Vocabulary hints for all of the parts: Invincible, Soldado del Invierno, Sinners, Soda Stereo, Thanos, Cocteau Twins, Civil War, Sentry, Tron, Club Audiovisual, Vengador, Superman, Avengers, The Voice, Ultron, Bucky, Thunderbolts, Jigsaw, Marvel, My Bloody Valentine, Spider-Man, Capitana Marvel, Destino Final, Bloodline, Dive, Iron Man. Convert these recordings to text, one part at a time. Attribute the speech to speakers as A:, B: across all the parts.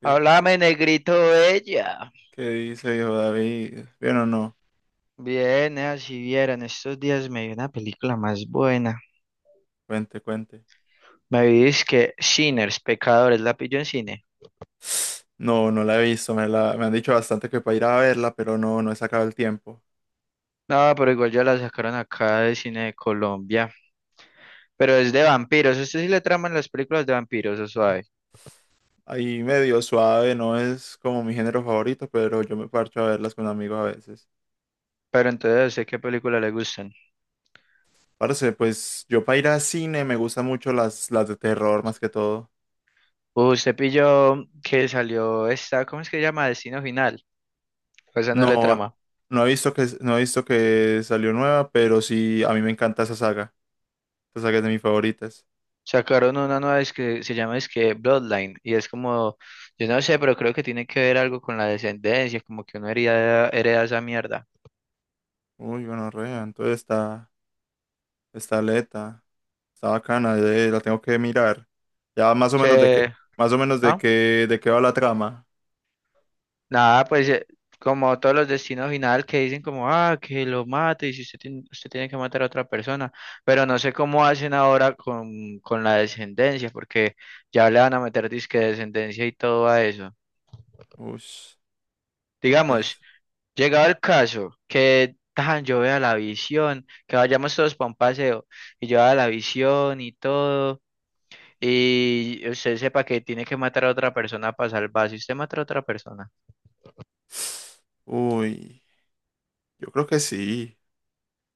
A: ¿Qué,
B: Háblame, negrito bella.
A: qué dice viejo David? ¿Bien o no?
B: Bien, si vieran, estos días me vi una película más buena.
A: Cuente, cuente.
B: Me vi que Sinners, Pecadores, la pillo en cine.
A: No, no la he visto, me han dicho bastante que para ir a verla, pero no, no he sacado el tiempo.
B: No, pero igual ya la sacaron acá de cine de Colombia. Pero es de vampiros. Usted sí le traman las películas de vampiros, o suave.
A: Ahí medio suave, no es como mi género favorito, pero yo me parcho a verlas con amigos a veces.
B: Pero entonces, ¿sé qué película le gustan?
A: Parce, pues yo para ir a cine me gustan mucho las de terror más que todo.
B: Usted pilló que salió esta, ¿cómo es que se llama? Destino Final. Pues esa no le
A: No,
B: trama.
A: no he visto que salió nueva, pero sí, a mí me encanta esa saga. Esa saga es de mis favoritas.
B: Sacaron una nueva es que se llama es que Bloodline y es como, yo no sé, pero creo que tiene que ver algo con la descendencia, como que uno hereda esa mierda.
A: Uy, bueno, entonces está, está aleta. Está bacana, la tengo que mirar. Ya más o menos de qué,
B: Se,
A: más o menos
B: ah,
A: de qué va la trama.
B: nada, pues, como todos los destinos final que dicen como, ah, que lo mate y si usted tiene, usted tiene que matar a otra persona, pero no sé cómo hacen ahora con la descendencia, porque ya le van a meter disque descendencia y todo a eso.
A: Ush,
B: Digamos.
A: es-
B: Llegado el caso, que tan, yo vea la visión, que vayamos todos para un paseo, y yo vea la visión y todo, y usted sepa que tiene que matar a otra persona para salvarse, usted mata a otra persona.
A: Uy, yo creo que sí.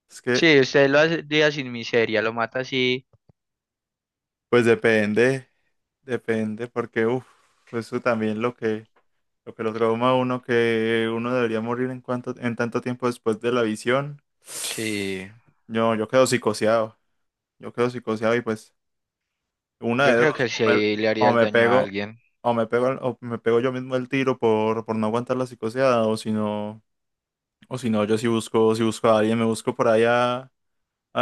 A: Es que,
B: Sí, usted lo hace día sin miseria, lo mata así.
A: pues depende, depende, porque uff, eso también lo que, lo que lo trauma a uno, que uno debería morir en tanto tiempo después de la visión.
B: Sí,
A: No, yo quedo psicoseado. Yo quedo psicoseado y pues. Una
B: yo
A: de
B: creo
A: dos,
B: que sí le haría
A: o
B: el
A: me
B: daño a
A: pego,
B: alguien.
A: o me pego yo mismo el tiro por no aguantar la psicoseada, o si no, yo si busco, si busco a alguien, me busco por allá a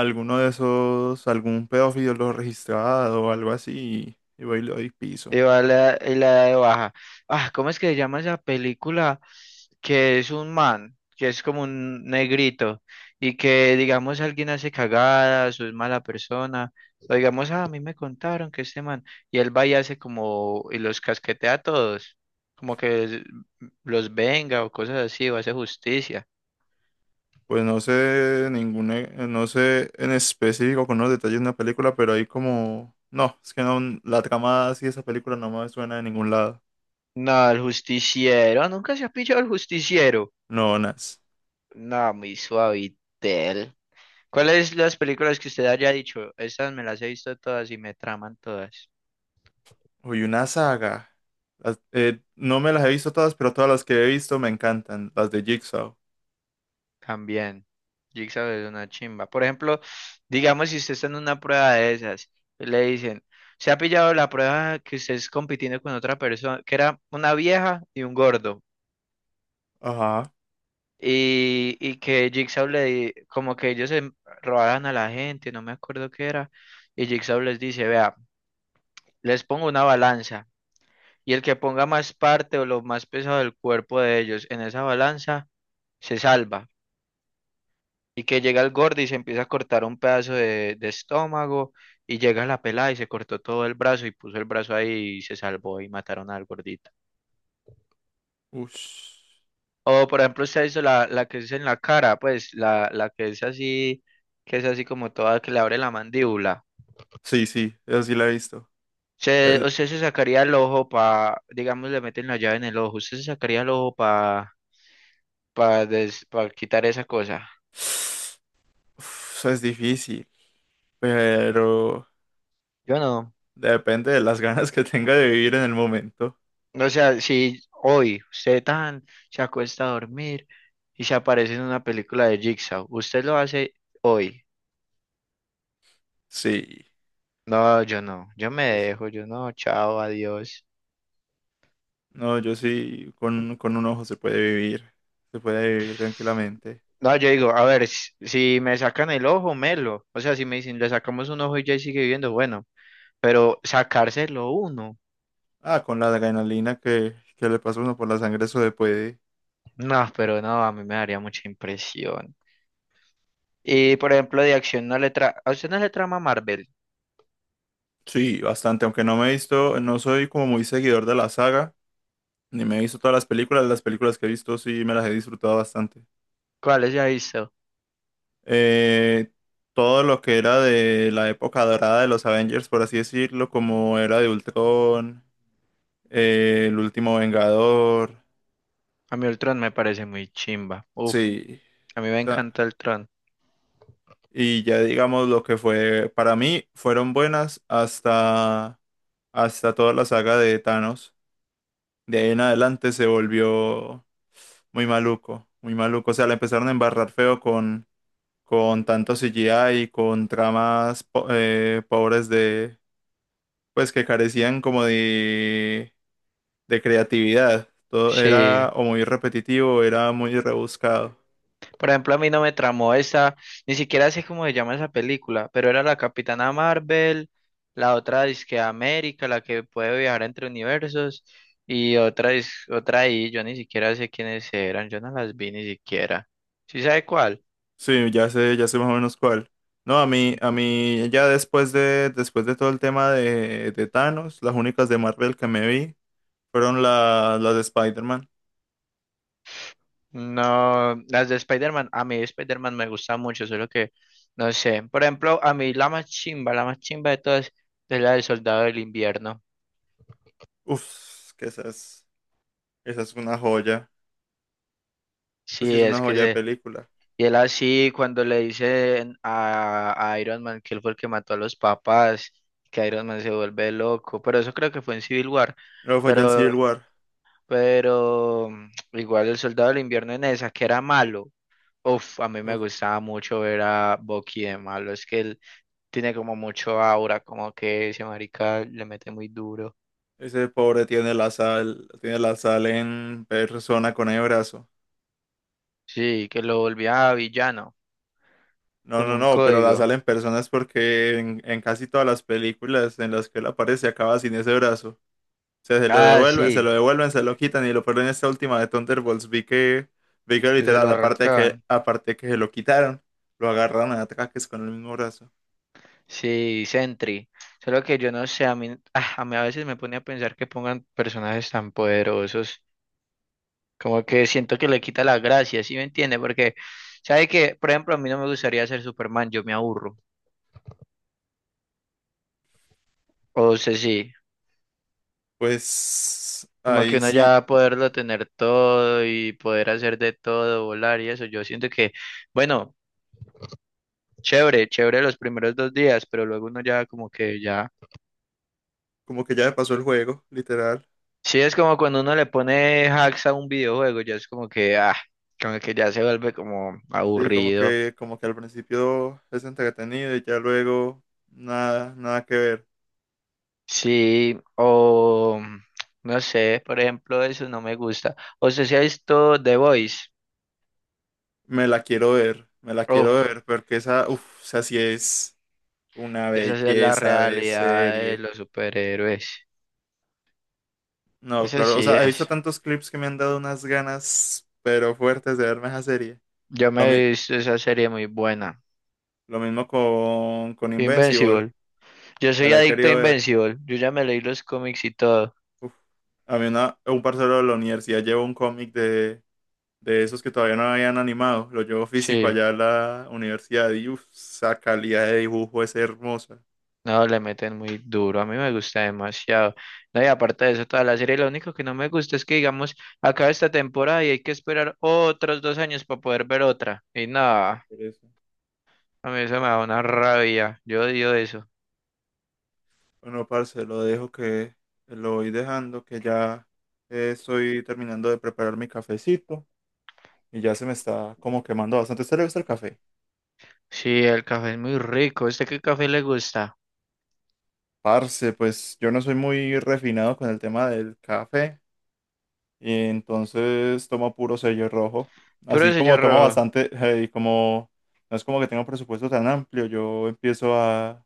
A: algún pedófilo lo registrado o algo así, y voy y le doy piso.
B: Y va la, y la de baja. Ah, ¿cómo es que se llama esa película? Que es un man, que es como un negrito, y que digamos alguien hace cagadas o es mala persona, o digamos, "Ah, a mí me contaron que este man, y él va y hace como, y los casquetea a todos, como que los venga o cosas así, o hace justicia.
A: Pues no sé ninguna, no sé en específico con los detalles de una película, pero hay como, no, es que no, la trama así de esa película no me suena de ningún lado.
B: No, el justiciero, nunca se ha pillado el justiciero.
A: No, nada.
B: No, muy suavitel. ¿Cuáles las películas que usted haya dicho? Estas me las he visto todas y me traman todas.
A: Uy, una saga. No me las he visto todas, pero todas las que he visto me encantan. Las de Jigsaw.
B: También. Jigsaw es una chimba. Por ejemplo, digamos si usted está en una prueba de esas, y le dicen, se ha pillado la prueba que usted es compitiendo con otra persona, que era una vieja y un gordo.
A: Ajá.
B: Y que Jigsaw como que ellos se robaban a la gente, no me acuerdo qué era. Y Jigsaw les dice, vea, les pongo una balanza. Y el que ponga más parte o lo más pesado del cuerpo de ellos en esa balanza se salva. Y que llega el gordo y se empieza a cortar un pedazo de estómago. Y llega la pelada y se cortó todo el brazo y puso el brazo ahí y se salvó y mataron al gordito.
A: Ush.
B: O por ejemplo, usted hizo la, la que es en la cara, pues la que es así como toda, que le abre la mandíbula.
A: Sí, sí, eso sí la he visto. Es-
B: Usted se sacaría el ojo para, digamos, le meten la llave en el ojo. Usted se sacaría el ojo para quitar esa cosa.
A: Uf, eso es difícil, pero
B: Yo no.
A: depende de las ganas que tenga de vivir en el momento.
B: O sea, si hoy usted tan se acuesta a dormir y se aparece en una película de Jigsaw, usted lo hace hoy.
A: Sí.
B: No, yo no, yo me
A: yo sí-
B: dejo, yo no, chao, adiós.
A: No, yo sí, con un ojo se puede vivir. Se puede vivir tranquilamente.
B: No, yo digo, a ver, si me sacan el ojo, melo. O sea, si me dicen, le sacamos un ojo y ya sigue viviendo, bueno, pero sacárselo uno.
A: Ah, con la adrenalina que le pasa a uno por la sangre, eso se puede.
B: No, pero no, a mí me daría mucha impresión. Y por ejemplo, de acción no le tra... ¿A usted no le trama Marvel?
A: Sí, bastante, aunque no me he visto, no soy como muy seguidor de la saga, ni me he visto todas las películas que he visto sí me las he disfrutado bastante.
B: ¿Cuál es ya visto?
A: Eh, todo lo que era de la época dorada de los Avengers, por así decirlo, como era de Ultron, el último Vengador,
B: A mí Ultron me parece muy chimba. Uf.
A: sí.
B: A mí me
A: O sea,
B: encanta el Tron.
A: y ya digamos lo que fue, para mí fueron buenas hasta, hasta toda la saga de Thanos. De ahí en adelante se volvió muy maluco, muy maluco. O sea, la empezaron a embarrar feo con tanto CGI y con pobres de, pues que carecían como de creatividad. Todo
B: Sí.
A: era o muy repetitivo, o era muy rebuscado.
B: Por ejemplo, a mí no me tramó esa, ni siquiera sé cómo se llama esa película, pero era la Capitana Marvel, la otra disque América, la que puede viajar entre universos, y otra ahí, yo ni siquiera sé quiénes eran, yo no las vi ni siquiera. ¿Sí sabe cuál?
A: Sí, ya sé más o menos cuál. No, a mí ya después de todo el tema de Thanos, las únicas de Marvel que me vi fueron las de Spider-Man.
B: No, las de Spider-Man, a mí Spider-Man me gusta mucho, solo que no sé. Por ejemplo, a mí la más chimba de todas es la del Soldado del Invierno.
A: Uf, que esa es una joya. Así
B: Sí,
A: es una
B: es que
A: joya de
B: se
A: película.
B: Y él así, cuando le dicen a Iron Man que él fue el que mató a los papás, que Iron Man se vuelve loco, pero eso creo que fue en Civil War,
A: Luego fue ya en
B: pero,
A: Civil War.
B: pero, igual el Soldado del Invierno en esa, que era malo, uf, a mí me
A: Uf,
B: gustaba mucho ver a Bucky de malo, es que él tiene como mucho aura, como que ese marica le mete muy duro,
A: ese pobre tiene la sal en persona con el brazo.
B: sí, que lo volvía villano,
A: No,
B: con
A: no,
B: un
A: no, pero la
B: código,
A: sal en persona es porque en casi todas las películas en las que él aparece acaba sin ese brazo. O sea, se lo
B: ah,
A: devuelven, se
B: sí,
A: lo devuelven, se lo quitan y lo ponen en esta última de Thunderbolts. Vi que
B: que se lo
A: literal,
B: arrancaban.
A: aparte de que se lo quitaron, lo agarran a ataques con el mismo brazo.
B: Sí, Sentry. Solo que yo no sé, a mí, ah, a mí a veces me pone a pensar que pongan personajes tan poderosos, como que siento que le quita la gracia, ¿sí me entiende? Porque, ¿sabe que Por ejemplo, a mí no me gustaría ser Superman, yo me aburro. O sea, sí,
A: Pues
B: como que
A: ahí
B: uno
A: sí,
B: ya poderlo tener todo y poder hacer de todo, volar y eso, yo siento que, bueno, chévere, chévere los primeros 2 días, pero luego uno ya como que ya...
A: como que ya me pasó el juego, literal.
B: Sí, es como cuando uno le pone hacks a un videojuego, ya es como que, ah, como que ya se vuelve como
A: Sí,
B: aburrido.
A: como que al principio es entretenido y ya luego nada, nada que ver.
B: Sí, o no sé, por ejemplo, eso no me gusta. O sea, si ha visto The Voice,
A: Me la quiero ver, me la quiero
B: uf,
A: ver, porque esa, uff, o sea, sí es una
B: esa sí es la
A: belleza de
B: realidad de
A: serie.
B: los superhéroes.
A: No,
B: Esa
A: claro, o
B: sí
A: sea, he visto
B: es.
A: tantos clips que me han dado unas ganas, pero fuertes de verme esa serie.
B: Yo
A: Lo,
B: me
A: mi-
B: he visto esa serie muy buena.
A: lo mismo con Invincible,
B: Invincible. Yo
A: me
B: soy
A: la he
B: adicto a
A: querido ver.
B: Invincible. Yo ya me leí los cómics y todo.
A: Uf. A mí un parcero de la universidad llevó un cómic de esos que todavía no habían animado. Lo llevo físico
B: Sí.
A: allá a la universidad y uff, esa calidad de dibujo es hermosa.
B: No, le meten muy duro, a mí me gusta demasiado. No, y aparte de eso, toda la serie, lo único que no me gusta es que, digamos, acaba esta temporada y hay que esperar otros 2 años para poder ver otra. Y nada,
A: Por eso.
B: a mí eso me da una rabia, yo odio eso.
A: Bueno, parce, lo voy dejando, que ya estoy terminando de preparar mi cafecito y ya se me está como quemando bastante. ¿A ¿Usted le gusta el café?
B: Sí, el café es muy rico, ¿a usted qué café le gusta?
A: Parce, pues yo no soy muy refinado con el tema del café y entonces tomo puro sello rojo.
B: Puro
A: Así
B: sello
A: como tomo
B: rojo,
A: bastante, y como no es como que tenga un presupuesto tan amplio, yo empiezo a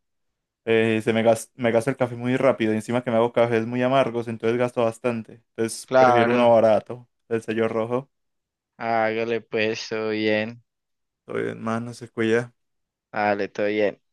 A: Me gasto el café muy rápido y encima que me hago cafés muy amargos, entonces gasto bastante. Entonces prefiero uno
B: claro,
A: barato, el sello rojo.
B: hágale pues, todo bien,
A: Todo bien, más no se cuida.
B: hágale, todo bien.